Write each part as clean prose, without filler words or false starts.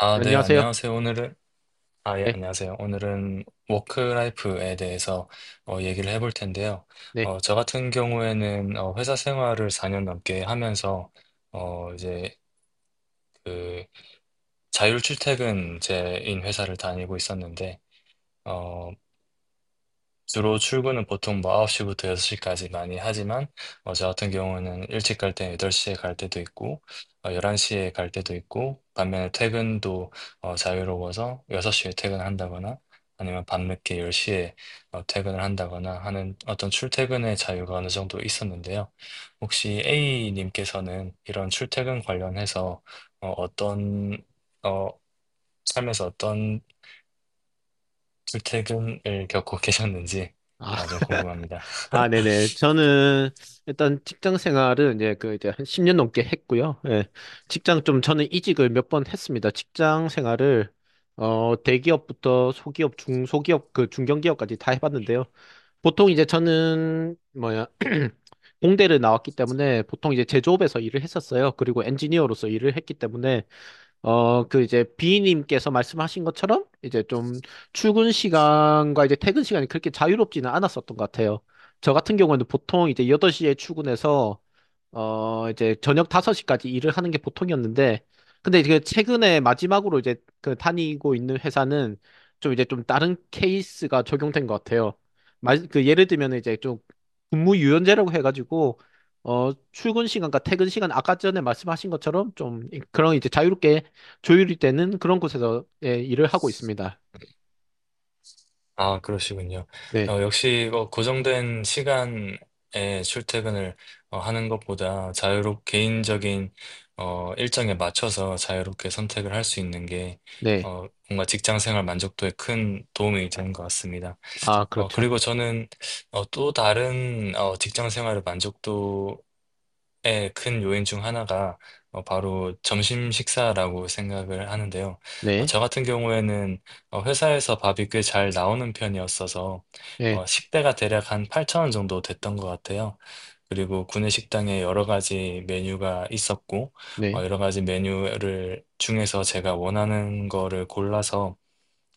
아, 네, 안녕하세요. 안녕하세요. 아, 예, 네, 안녕하세요. 오늘은 워크라이프에 대해서 얘기를 해볼 텐데요. 네. 저 같은 경우에는 회사 생활을 4년 넘게 하면서 이제 그 자율 출퇴근제인 회사를 다니고 있었는데, 어, 주로 출근은 보통 뭐 9시부터 6시까지 많이 하지만, 저 같은 경우는 일찍 갈 때 8시에 갈 때도 있고, 11시에 갈 때도 있고, 반면에 퇴근도 자유로워서 6시에 퇴근한다거나, 아니면 밤늦게 10시에 퇴근을 한다거나 하는 어떤 출퇴근의 자유가 어느 정도 있었는데요. 혹시 A님께서는 이런 출퇴근 관련해서 어, 어떤, 어, 삶에서 어떤 출퇴근을 겪고 계셨는지 아, 아, 좀 궁금합니다. 아, 네네. 저는 일단 직장 생활은 이제 한 10년 넘게 했고요. 예. 직장 좀 저는 이직을 몇 번 했습니다. 직장 생활을 대기업부터 소기업, 중소기업, 그 중견기업까지 다 해봤는데요. 보통 이제 저는 뭐야 공대를 나왔기 때문에 보통 이제 제조업에서 일을 했었어요. 그리고 엔지니어로서 일을 했기 때문에 그 이제 B님께서 말씀하신 것처럼 이제 좀 출근 시간과 이제 퇴근 시간이 그렇게 자유롭지는 않았었던 것 같아요. 저 같은 경우에는 보통 이제 8시에 출근해서 이제 저녁 5시까지 일을 하는 게 보통이었는데, 근데 이제 그 최근에 마지막으로 이제 그 다니고 있는 회사는 좀 이제 좀 다른 케이스가 적용된 것 같아요. 마, 그 예를 들면 이제 좀 근무 유연제라고 해가지고, 출근 시간과 퇴근 시간 아까 전에 말씀하신 것처럼 좀 그런 이제 자유롭게 조율이 되는 그런 곳에서 예, 일을 하고 있습니다. 아, 그러시군요. 네, 역시 고정된 시간에 출퇴근을 하는 것보다 자유롭 개인적인 일정에 맞춰서 자유롭게 선택을 할 수 있는 게 네. 뭔가 직장 생활 만족도에 큰 도움이 되는 것 같습니다. 아, 그렇죠. 그리고 저는 또 다른 직장 생활의 만족도 예, 큰 요인 중 하나가 바로 점심 식사라고 생각을 하는데요. 네, 저 같은 경우에는 회사에서 밥이 꽤 잘 나오는 편이었어서 네, 식대가 대략 한 8천 원 정도 됐던 것 같아요. 그리고 구내식당에 여러 가지 메뉴가 있었고 네, 여러 가지 메뉴를 중에서 제가 원하는 거를 골라서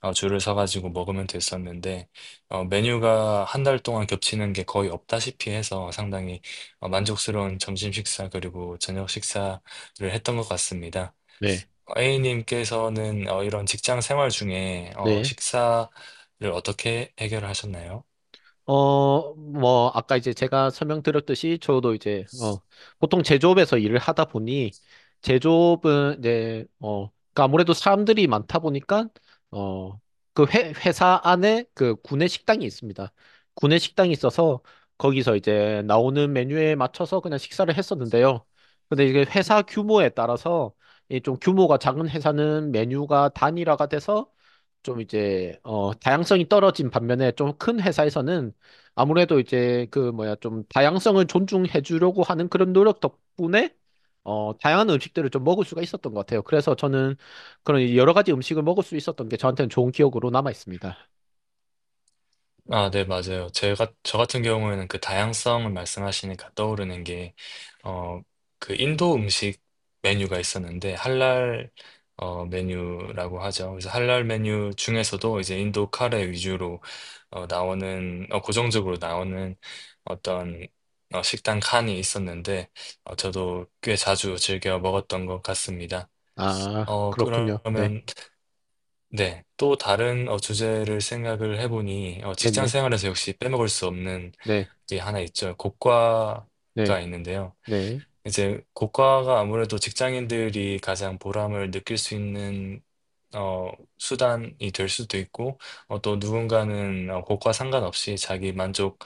줄을 서가지고 먹으면 됐었는데, 메뉴가 한 달 동안 겹치는 게 거의 없다시피 해서 상당히 만족스러운 점심 식사 그리고 저녁 식사를 했던 것 같습니다. 네, A님께서는 이런 직장 생활 중에 네. 식사를 어떻게 해결하셨나요? 아까 이제 제가 설명드렸듯이 저도 이제, 보통 제조업에서 일을 하다 보니, 제조업은 이제, 그러니까 아무래도 사람들이 많다 보니까, 어, 그 회사 안에 그 구내 식당이 있습니다. 구내 식당이 있어서 거기서 이제 나오는 메뉴에 맞춰서 그냥 식사를 했었는데요. 근데 이게 회사 규모에 따라서 이 좀 규모가 작은 회사는 메뉴가 단일화가 돼서 좀 이제 어 다양성이 떨어진 반면에 좀 큰 회사에서는 아무래도 이제 그 뭐야 좀 다양성을 존중해 주려고 하는 그런 노력 덕분에 어 다양한 음식들을 좀 먹을 수가 있었던 것 같아요. 그래서 저는 그런 여러 가지 음식을 먹을 수 있었던 게 저한테는 좋은 기억으로 남아 있습니다. 아, 네, 맞아요. 저 같은 경우에는 그 다양성을 말씀하시니까 떠오르는 게, 어, 그 인도 음식 메뉴가 있었는데, 할랄, 메뉴라고 하죠. 그래서 할랄 메뉴 중에서도 이제 인도 카레 위주로, 나오는, 고정적으로 나오는 어떤, 식당 칸이 있었는데, 저도 꽤 자주 즐겨 먹었던 것 같습니다. 아, 그렇군요. 네. 그러면 네. 또 다른 주제를 생각을 해보니 직장 네네. 생활에서 역시 빼먹을 수 없는 네. 게 하나 있죠. 고과가 네. 있는데요. 네. 이제 고과가 아무래도 직장인들이 가장 보람을 느낄 수 있는 어, 수단이 될 수도 있고 또 누군가는 고과 상관없이 자기 만족에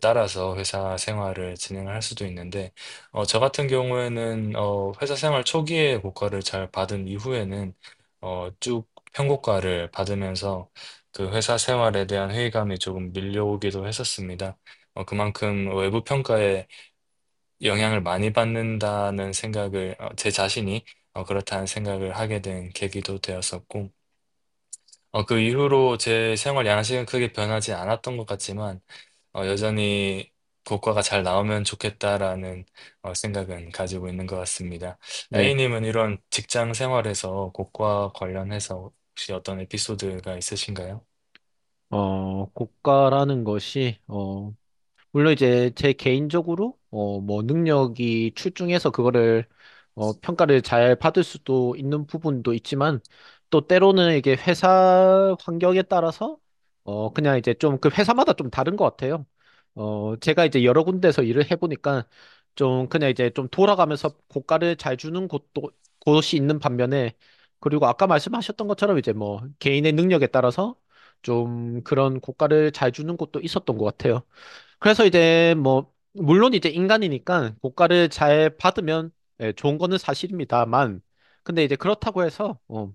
따라서 회사 생활을 진행할 수도 있는데 저 같은 경우에는 회사 생활 초기에 고과를 잘 받은 이후에는 쭉 평고과를 받으면서 그 회사 생활에 대한 회의감이 조금 밀려오기도 했었습니다. 그만큼 외부 평가에 영향을 많이 받는다는 생각을 제 자신이 그렇다는 생각을 하게 된 계기도 되었었고 그 이후로 제 생활 양식은 크게 변하지 않았던 것 같지만 여전히 고과가 잘 나오면 좋겠다라는 생각은 가지고 있는 것 같습니다. 네. A님은 이런 직장 생활에서 고과 관련해서 혹시 어떤 에피소드가 있으신가요? 국가라는 것이 어 물론 이제 제 개인적으로 뭐 능력이 출중해서 그거를 평가를 잘 받을 수도 있는 부분도 있지만 또 때로는 이게 회사 환경에 따라서 그냥 이제 좀 그 회사마다 좀 다른 것 같아요. 제가 이제 여러 군데서 일을 해보니까 좀 그냥 이제 좀 돌아가면서 고가를 잘 주는 곳도 곳이 있는 반면에 그리고 아까 말씀하셨던 것처럼 이제 뭐 개인의 능력에 따라서 좀 그런 고가를 잘 주는 곳도 있었던 것 같아요. 그래서 이제 뭐 물론 이제 인간이니까 고가를 잘 받으면 예, 좋은 거는 사실입니다만 근데 이제 그렇다고 해서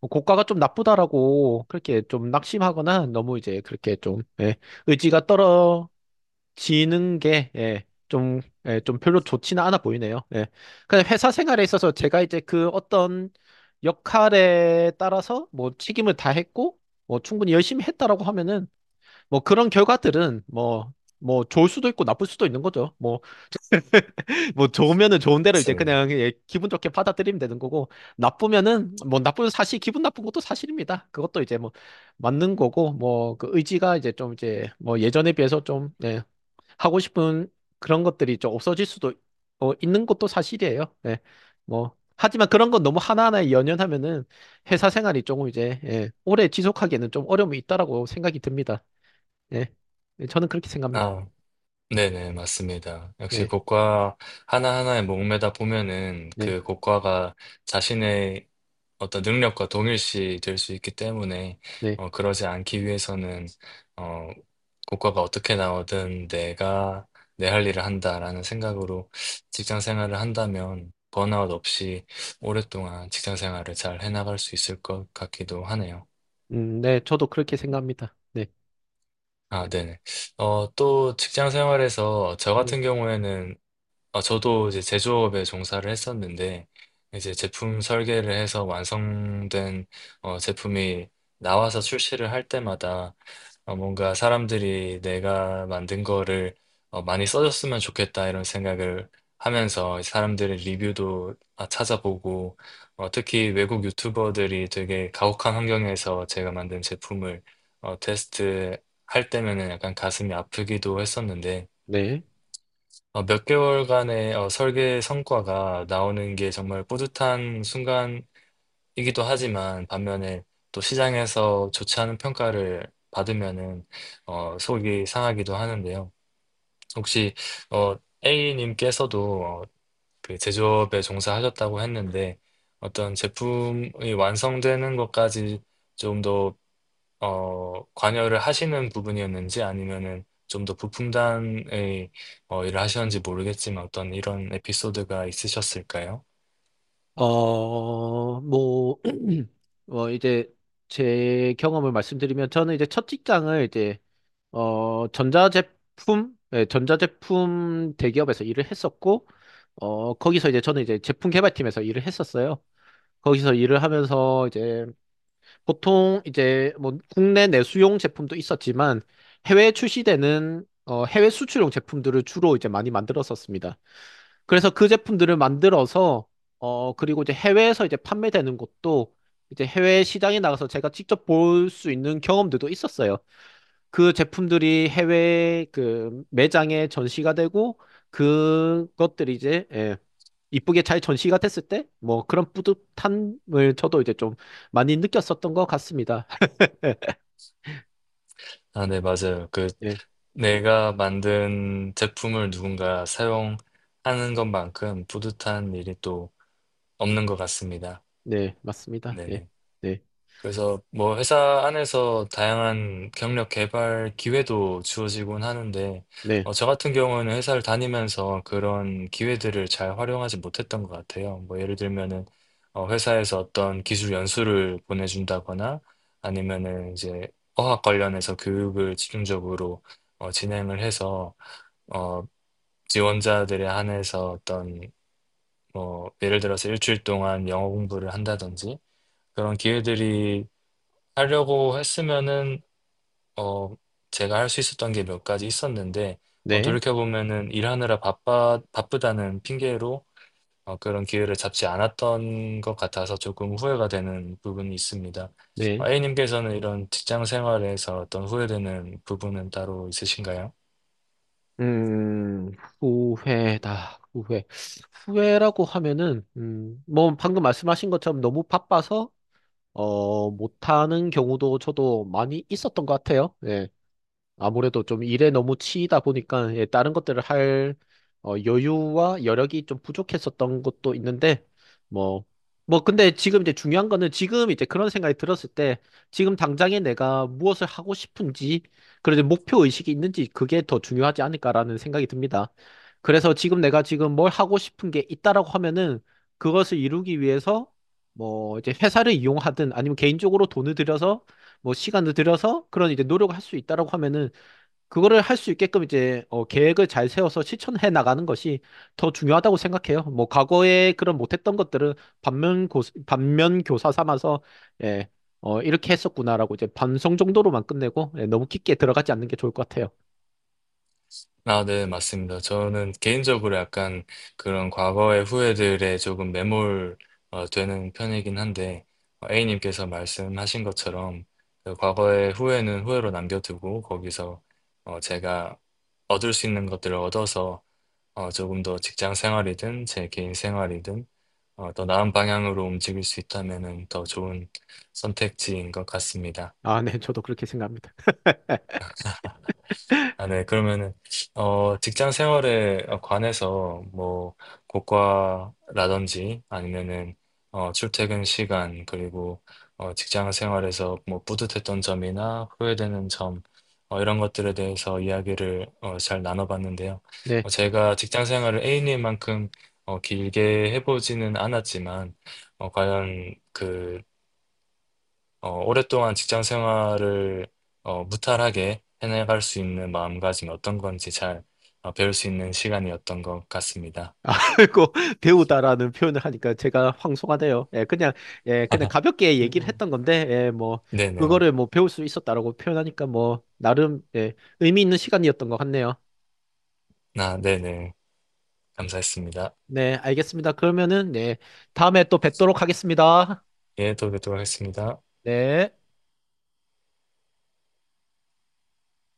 뭐 고가가 좀 나쁘다라고 그렇게 좀 낙심하거나 너무 이제 그렇게 좀 예, 의지가 떨어지는 게 예, 좀, 예, 좀 별로 좋지는 않아 보이네요. 예. 근데 회사 생활에 있어서 제가 이제 그 어떤 역할에 따라서 뭐 책임을 다했고 뭐 충분히 열심히 했다라고 하면은 뭐 그런 결과들은 뭐, 뭐 좋을 수도 있고 나쁠 수도 있는 거죠. 뭐, 뭐 좋으면은 좋은 대로 이제 맞습니다. 그냥 예, 기분 좋게 받아들이면 되는 거고 나쁘면은 뭐 나쁜 사실, 기분 나쁜 것도 사실입니다. 그것도 이제 뭐 맞는 거고 뭐 그 의지가 이제 좀 이제 뭐 예전에 비해서 좀 예, 하고 싶은 그런 것들이 좀 없어질 수도 있는 것도 사실이에요. 예. 뭐 하지만 그런 건 너무 하나하나에 연연하면은 회사 생활이 조금 이제 예, 오래 지속하기에는 좀 어려움이 있다라고 생각이 듭니다. 네. 네, 저는 그렇게 생각합니다. 네네, 맞습니다. 역시 네, 고과 하나하나에 목매다 보면은 네, 그 고과가 자신의 어떤 능력과 동일시 될 수 있기 때문에 네. 그러지 않기 위해서는 어, 고과가 어떻게 나오든 내가 내 할 일을 한다라는 생각으로 직장 생활을 한다면 번아웃 없이 오랫동안 직장 생활을 잘 해나갈 수 있을 것 같기도 하네요. 네, 저도 그렇게 생각합니다. 네, 아, 네네. 또 직장 생활에서 저 네, 같은 경우에는 아, 저도 이제 제조업에 종사를 했었는데, 이제 제품 설계를 해서 완성된 제품이 나와서 출시를 할 때마다 뭔가 사람들이 내가 만든 거를 많이 써줬으면 좋겠다 이런 생각을 하면서 사람들의 리뷰도 아, 찾아보고, 특히 외국 유튜버들이 되게 가혹한 환경에서 제가 만든 제품을 테스트 할 때면은 약간 가슴이 아프기도 했었는데, 네. 몇 개월간의 설계 성과가 나오는 게 정말 뿌듯한 순간이기도 하지만 반면에 또 시장에서 좋지 않은 평가를 받으면은 속이 상하기도 하는데요. 혹시 어, A님께서도 그 제조업에 종사하셨다고 했는데 어떤 제품이 완성되는 것까지 좀더 관여를 하시는 부분이었는지 아니면은 좀 더 부품단의 일을 하셨는지 모르겠지만 어떤 이런 에피소드가 있으셨을까요? 어, 뭐, 이제 제 경험을 말씀드리면 저는 이제 첫 직장을 이제, 전자제품, 예, 전자제품 대기업에서 일을 했었고, 거기서 이제 저는 이제 제품 개발팀에서 일을 했었어요. 거기서 일을 하면서 이제 보통 이제 뭐 국내 내수용 제품도 있었지만 해외에 출시되는 해외 수출용 제품들을 주로 이제 많이 만들었었습니다. 그래서 그 제품들을 만들어서 그리고 이제 해외에서 이제 판매되는 것도 이제 해외 시장에 나가서 제가 직접 볼 수 있는 경험들도 있었어요. 그 제품들이 해외 그 매장에 전시가 되고 그것들이 이제 예, 이쁘게 잘 전시가 됐을 때 뭐 그런 뿌듯함을 저도 이제 좀 많이 느꼈었던 것 같습니다. 아, 네, 맞아요. 그 네, 내가 만든 제품을 누군가 사용하는 것만큼 뿌듯한 일이 또 없는 것 같습니다. 네, 맞습니다. 네, 네네. 네, 그래서 뭐 회사 안에서 다양한 경력 개발 기회도 주어지곤 하는데, 네, 저 같은 경우는 회사를 다니면서 그런 기회들을 잘 활용하지 못했던 것 같아요. 뭐 예를 들면은, 회사에서 어떤 기술 연수를 보내준다거나, 아니면은 이제 어학 관련해서 교육을 집중적으로 진행을 해서, 어, 지원자들에 한해서 어떤, 뭐 예를 들어서 일주일 동안 영어 공부를 한다든지, 그런 기회들이 하려고 했으면은 어 제가 할 수 있었던 게 몇 가지 있었는데 네, 돌이켜보면은 일하느라 바빠 바쁘다는 핑계로 그런 기회를 잡지 않았던 것 같아서 조금 후회가 되는 부분이 있습니다. 네. A님께서는 이런 직장 생활에서 어떤 후회되는 부분은 따로 있으신가요? 음, 후회다, 후회. 후회라고 하면은, 뭐, 방금 말씀하신 것처럼 너무 바빠서, 못하는 경우도 저도 많이 있었던 것 같아요. 네. 아무래도 좀 일에 너무 치이다 보니까 예, 다른 것들을 할 여유와 여력이 좀 부족했었던 것도 있는데 뭐 뭐 근데 지금 이제 중요한 거는 지금 이제 그런 생각이 들었을 때 지금 당장에 내가 무엇을 하고 싶은지 그리고 이제 목표 의식이 있는지 그게 더 중요하지 않을까라는 생각이 듭니다. 그래서 지금 내가 지금 뭘 하고 싶은 게 있다라고 하면은 그것을 이루기 위해서 뭐 이제 회사를 이용하든 아니면 개인적으로 돈을 들여서 뭐 시간을 들여서 그런 이제 노력을 할 수 있다라고 하면은 그거를 할 수 있게끔 이제 계획을 잘 세워서 실천해 나가는 것이 더 중요하다고 생각해요. 뭐 과거에 그런 못했던 것들을 반면 교사 삼아서 예, 이렇게 했었구나라고 이제 반성 정도로만 끝내고 예, 너무 깊게 들어가지 않는 게 좋을 것 같아요. 아, 네, 맞습니다. 저는 개인적으로 약간 그런 과거의 후회들에 조금 매몰 되는 편이긴 한데, A님께서 말씀하신 것처럼 그 과거의 후회는 후회로 남겨두고 거기서 제가 얻을 수 있는 것들을 얻어서 조금 더 직장 생활이든 제 개인 생활이든 더 나은 방향으로 움직일 수 있다면은 더 좋은 선택지인 것 같습니다. 아, 네, 저도 그렇게 생각합니다. 아, 네. 그러면은, 직장 생활에 관해서, 뭐, 고과라든지, 아니면은, 출퇴근 시간, 그리고, 직장 생활에서 뭐, 뿌듯했던 점이나 후회되는 점, 이런 것들에 대해서 이야기를, 잘 나눠봤는데요. 네. 제가 직장 생활을 A님만큼, 길게 해보지는 않았지만, 과연 그, 오랫동안 직장 생활을 무탈하게 해나갈 수 있는 마음가짐이 어떤 건지 잘 배울 수 있는 시간이었던 것 같습니다. 아, 아이고, 배우다라는 표현을 하니까 제가 황송하네요. 예, 그냥, 예, 그냥 가볍게 음, 얘기를 음. 했던 건데, 예, 뭐, 네네. 그거를 뭐 배울 수 있었다라고 표현하니까 뭐, 나름, 예, 의미 있는 시간이었던 것 같네요. 네네. 감사했습니다. 네, 알겠습니다. 그러면은, 네, 다음에 또 뵙도록 하겠습니다. 예, 또 뵙도록 하겠습니다. 네.